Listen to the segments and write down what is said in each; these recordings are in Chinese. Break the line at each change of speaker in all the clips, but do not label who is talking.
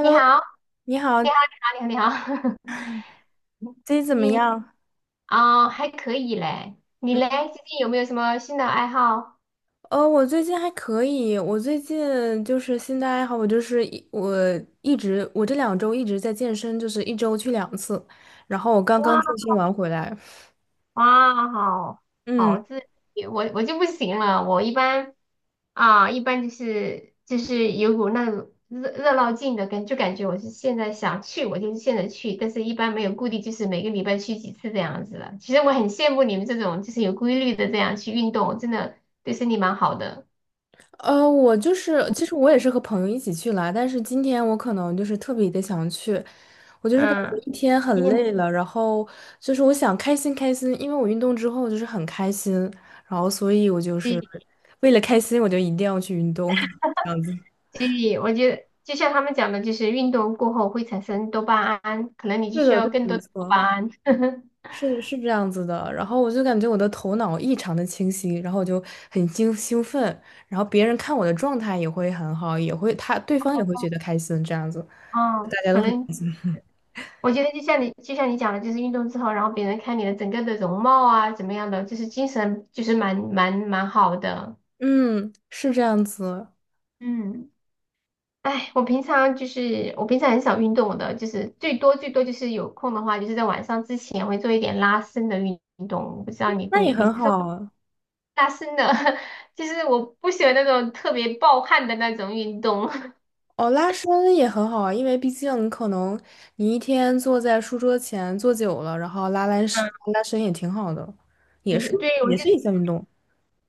你 好，
你好，
你好，你好，你好，你好。
最近 怎
最
么
近
样？
还可以嘞。你嘞，最近有没有什么新的爱好？
我最近还可以，我最近就是新的爱好，我就是一我一直我这2周一直在健身，就是一周去2次，然后我刚刚
哇，
健身完回来。
哇，好，
嗯。
好自律，我就不行了。我一般一般就是有股那种热热闹劲的感，就感觉我是现在想去，我就是现在去，但是一般没有固定，就是每个礼拜去几次这样子了。其实我很羡慕你们这种就是有规律的这样去运动，真的对身体蛮好的。
我就是，其实我也是和朋友一起去啦，但是今天我可能就是特别的想去，我就是感觉
嗯，
一天
今
很
天。
累了，然后就是我想开心开心，因为我运动之后就是很开心，然后所以我就是为了开心，我就一定要去运动，这样子。
所以我觉得，就像他们讲的，就是运动过后会产生多巴胺，可能你就
对
需
的，对
要
的，
更
没
多的多巴
错，
胺。
是的，是这样子的。然后我就感觉我的头脑异常的清晰，然后我就很兴奋，然后别人看我的状态也会很好，也会他对方也会觉得开心，这样子。大
嗯，
家都
可
很。
能我觉得就像你讲的，就是运动之后，然后别人看你的整个的容貌啊，怎么样的，就是精神就是蛮好的。
嗯，是这样子。
嗯，哎，我平常很少运动的，就是最多就是有空的话，就是在晚上之前会做一点拉伸的运动。我不知道你
那也
会，你
很
是
好啊。
拉伸的，就是我不喜欢那种特别暴汗的那种运动，
哦，拉伸也很好啊，因为毕竟可能你一天坐在书桌前坐久了，然后
嗯，
拉伸也挺好的，也
就
是
是对我
也
就
是
是
一项运动。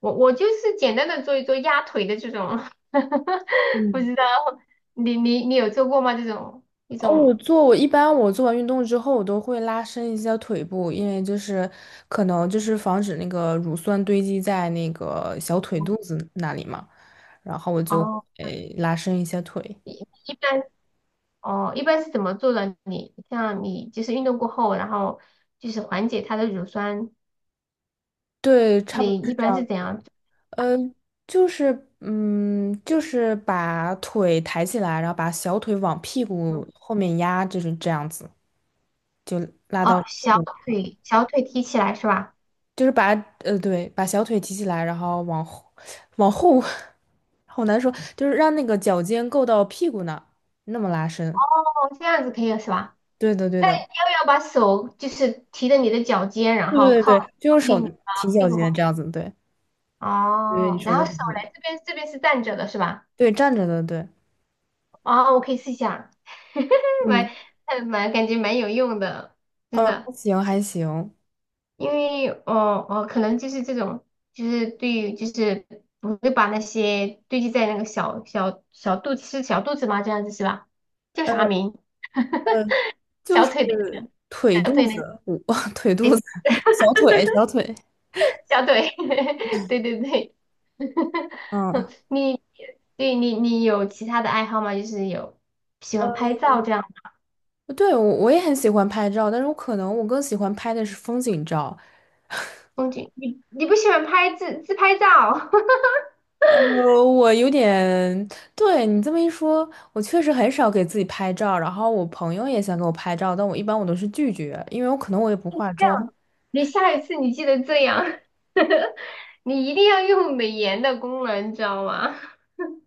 我就是简单的做一做压腿的这种，不
嗯。
知道你有做过吗？这种一
哦，我
种。
做我一般我做完运动之后，我都会拉伸一下腿部，因为就是可能就是防止那个乳酸堆积在那个小腿肚子那里嘛，然后我就
哦，
会拉伸一下腿。
一一般，哦一般是怎么做的？你像你就是运动过后，然后就是缓解它的乳酸，
对，差不多
你
是
一
这
般是
样。
怎样做？
嗯，就是把腿抬起来，然后把小腿往屁股后面压，就是这样子，就拉
哦，
到屁
小
股，
腿，提起来是吧？
就是把呃对，把小腿提起来，然后往后往后，好难说，就是让那个脚尖够到屁股那儿那么拉伸。
哦，这样子可以了是吧？
对的，对
那你
的，
要不要把手就是提着你的脚尖，然
对
后
对
靠，
对对，就用手
近你
提
的屁
脚
股后
尖
面？
这样子，对，对，你
哦，
说
然
的
后手
很
来这边，这边是站着的是吧？
对，站着的，对。
哦，我可以试一下，蛮，
嗯。
感觉蛮有用的，真的。
还行还行。
因为哦，可能就是这种，就是对于就是不会把那些堆积在那个小肚子，是小肚子吗？这样子是吧？叫啥
呃，
名？
呃就
小
是
腿的那个，
腿
小
肚
腿
子，
那个。
我 腿肚子，小腿，小腿。
小腿，对，
嗯。
你，对，有其他的爱好吗？就是有喜欢
呃，
拍照这样的。
对，我也很喜欢拍照，但是我可能我更喜欢拍的是风景照。
风景，你不喜欢拍自，拍照，
呃，我有点，对你这么一说，我确实很少给自己拍照。然后我朋友也想给我拍照，但我一般都是拒绝，因为我可能也不化妆。
你下一次你记得这样，你一定要用美颜的功能，你知道吗？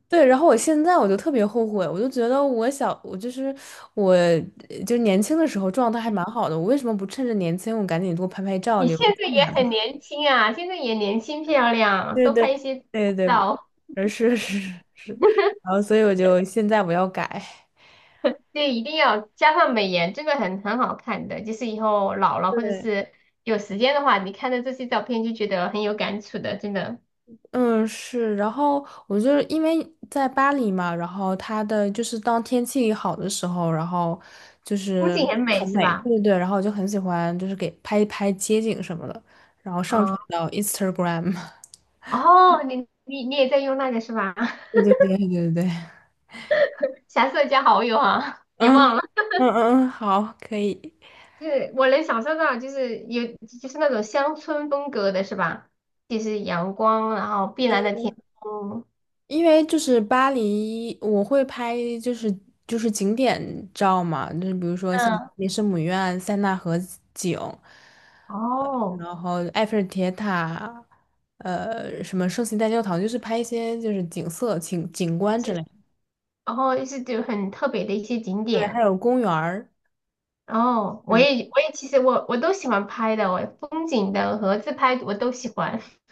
对，然后我现在就特别后悔，我就觉得我小，我就是我，呃就是年轻的时候状态还
嗯，
蛮好的，我为什么不趁着年轻我赶紧多拍拍照，
你
留
现
个纪
在也
念？
很年轻啊，现在也年轻漂亮，
对
多
对
拍一些
对对对。
照。
是是是，然后所以我就现在要改。
对，一定要加上美颜，真的很好看的。就是以后老了或者
对，
是有时间的话，你看到这些照片就觉得很有感触的，真的，
嗯，是，然后我就是因为在巴黎嘛，然后它的就是当天气好的时候，然后就
风
是
景很美
很
是
美，对
吧？
对对，然后我就很喜欢就是给拍一拍街景什么的，然后上传
嗯，
到 Instagram。
哦，你，也在用那个是吧？
对对对对对对，
霞色加好友啊，别
嗯
忘了，
嗯嗯嗯，好，可以。
就是我能想象到，就是有就是那种乡村风格的是吧？就是阳光，然后碧蓝的天空，
因为就是巴黎，我会拍就是景点照嘛，就是比如说像
嗯，
雷圣母院、塞纳河景，
哦，
然后埃菲尔铁塔，什么圣心大教堂，就是拍一些就是景色、景观之
是，
类的。
然后就是就很特别的一些景
对，还
点。
有公园儿。
哦，我
嗯。
也，其实我都喜欢拍的，我风景的和自拍我都喜欢。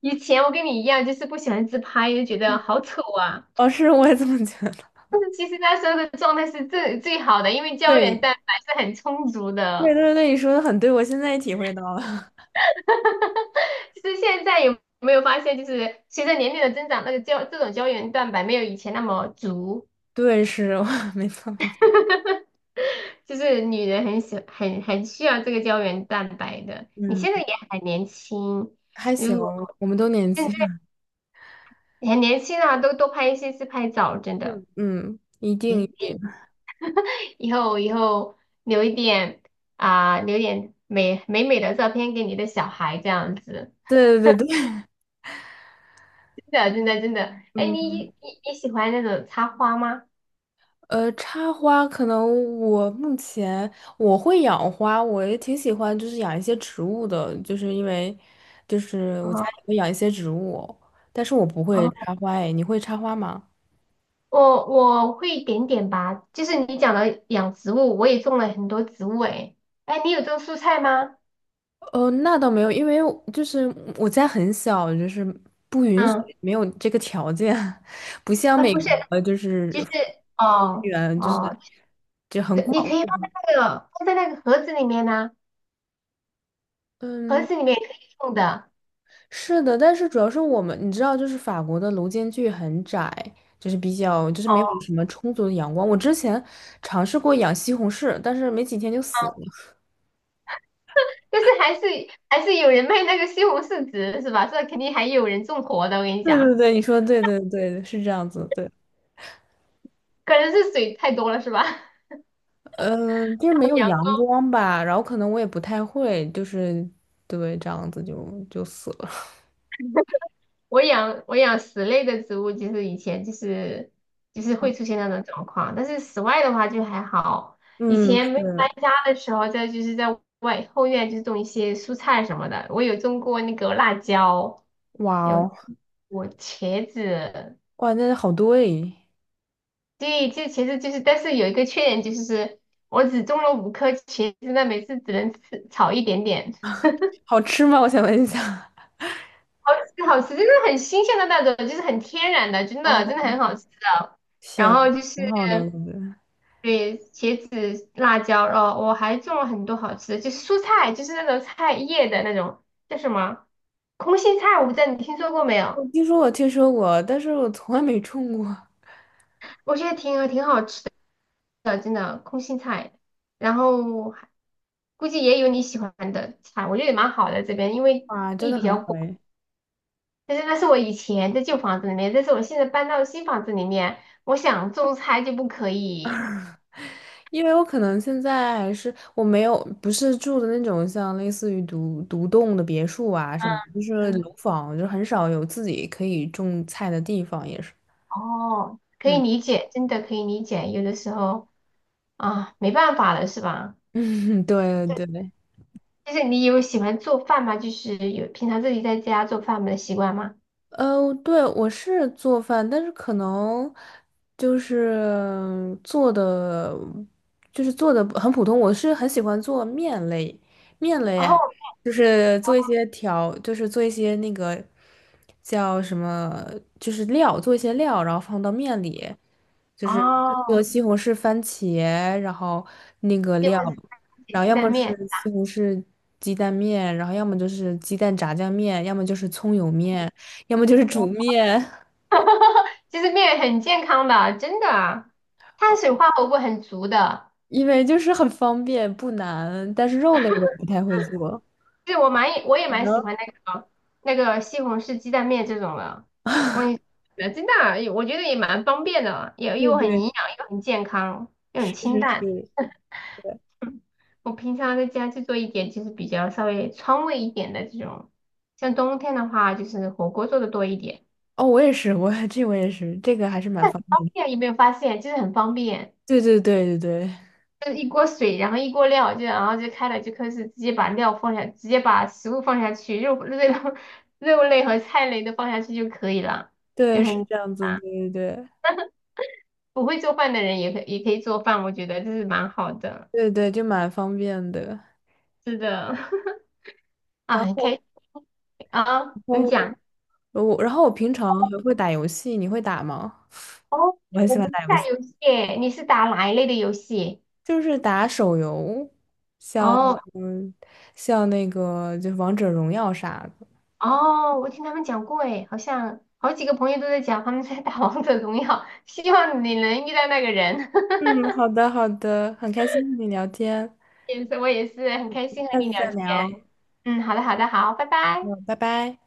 以前我跟你一样，就是不喜欢自拍，就觉得好丑啊。
哦，是，我也这么觉得。
但是其实那时候的状态是最，好的，因为胶
对，
原蛋白是很充足
对
的。
对对，你说的很对，我现在也体会到了。
就是现在有没有发现，就是随着年龄的增长，那个胶，这种原蛋白没有以前那么足，
对，是，没错没错。
就是女人很喜，很需要这个胶原蛋白的。你
嗯，
现在也很年轻，
还行，
如果。
我们都年轻，
很年轻啊，都多拍一些自拍照，真 的
嗯嗯，一定
也
一
可
定。
以。以后，留一点留点美，的照片给你的小孩，这样子，
对对对，对，
真的，哎，
嗯。
你喜欢那种插花吗？
插花可能我目前会养花，我也挺喜欢，就是养一些植物的，就是因为就是我家
哦，
里会养一些植物，但是我不会
哦，
插花。哎，你会插花吗？
我会一点点吧，就是你讲的养植物，我也种了很多植物诶。哎，你有种蔬菜吗？
那倒没有，因为我家很小，就是不允许，
嗯，
没有这个条件，不像
啊
美
不是，
国，就是
就是，
人
哦，
员，就是。
可你可以放在那个，盒子里面呢、盒
嗯，
子里面也可以种的。
是的，但是主要是我们，你知道，就是法国的楼间距很窄，就是比较，就是没有
哦，
什么充足的阳光。我之前尝试过养西红柿，但是没几天就死了。
但是还是，有人卖那个西红柿籽是吧？这肯定还有人种活的，我跟你
对对
讲，
对，你说的对对对，是这样子，对。
可能是水太多了是吧？还
嗯，就是没
有
有
阳
阳
光，
光吧，然后可能我也不太会，就是对这样子就死了。
我养室内的植物，就是以前就是会出现那种状况，但是室外的话就还好。以
嗯，
前没有搬
是。
家的时候，就是在外后院就种一些蔬菜什么的，我有种过那个辣椒，
哇
有
哦，
我茄子，
哇，那好多诶。
对，这其实就是，但是有一个缺点就是，我只种了五颗茄子，那每次只能吃炒一点点，
好吃吗？我想问一下。
好吃，真的很新鲜的那种，就是很天然的，真的很
哦，
好吃的。
行，
然后就是
挺好的，我觉得。
对茄子、辣椒，哦，我还种了很多好吃的，就是蔬菜，就是那种菜叶的那种叫什么，空心菜，我不知道你听说过没有？
我听说过，但是我从来没种过。
我觉得挺好吃的，真的空心菜，然后还估计也有你喜欢的菜，我觉得也蛮好的这边，因为
哇，真
地
的
比
很
较
好
广。
哎。
但是那是我以前在旧房子里面，但是我现在搬到新房子里面，我想种菜就不可以。
因为我可能现在还是我没有不是住的那种像类似于独栋的别墅啊什
嗯，
么，就是
嗯，
楼房，就很少有自己可以种菜的地方，也是。
哦，可以
嗯
理解，真的可以理解，有的时候啊，没办法了，是吧？
嗯。对对。
就是你有喜欢做饭吗？就是有平常自己在家做饭的习惯吗？
对，我是做饭，但是可能就是做的，就是做的很普通。我是很喜欢做面类。面类啊，
哦，
就是做一些调，就是做一些那个叫什么，就是料，做一些料，然后放到面里，就是做
哦，
西红柿、番茄，然后那个
就
料，
或者
然后
鸡
要
蛋
么
面。
是西红柿鸡蛋面，然后要么就是鸡蛋炸酱面，要么就是葱油面。要么就是煮面，
其实面很健康的，真的啊，碳水化合物很足的。
因为就是很方便不难，但是肉类我不太会做。
就是我也
你
蛮喜
呢？
欢那个，西红柿鸡蛋面这种的，我也真的啊我觉得也蛮方便的，也
对
又很营
对，
养，又很健康，又很
是
清
是
淡。
是。
我平常在家就做一点，就是比较稍微川味一点的这种。像冬天的话，就是火锅做的多一点，
哦，我也是，我也是，这个还是蛮
但很
方
方
便的。
便，有没有发现？就是很方便。
对对对对对
就一锅水，然后一锅料，就然后就开了，就开始直接把料放下，直接把食物放下去，肉类 肉类和菜类都放下去就可以了，就
对，是
很
这样子，
啊，
对对对
不会做饭的人也可以做饭，我觉得这是蛮好的，
对对，就蛮方便的。
是的，啊，
然
很开心
后，
啊，
然
你
后
讲。
呃我，然后我平常还会打游戏，你会打吗？
哦，
我很
我
喜欢
不是
打游
打
戏，
游戏耶，你是打哪一类的游戏？
就是打手游，像
哦，
嗯，像那个就是王者荣耀啥的。
哦，我听他们讲过诶，好像好几个朋友都在讲他们在打王者荣耀，希望你能遇到那个人。
嗯，好的，好的，很开心跟你聊天，
也是，我也是很开心和
下
你
次
聊
再
天。
聊。
嗯，好的，好，拜拜。
嗯，拜拜。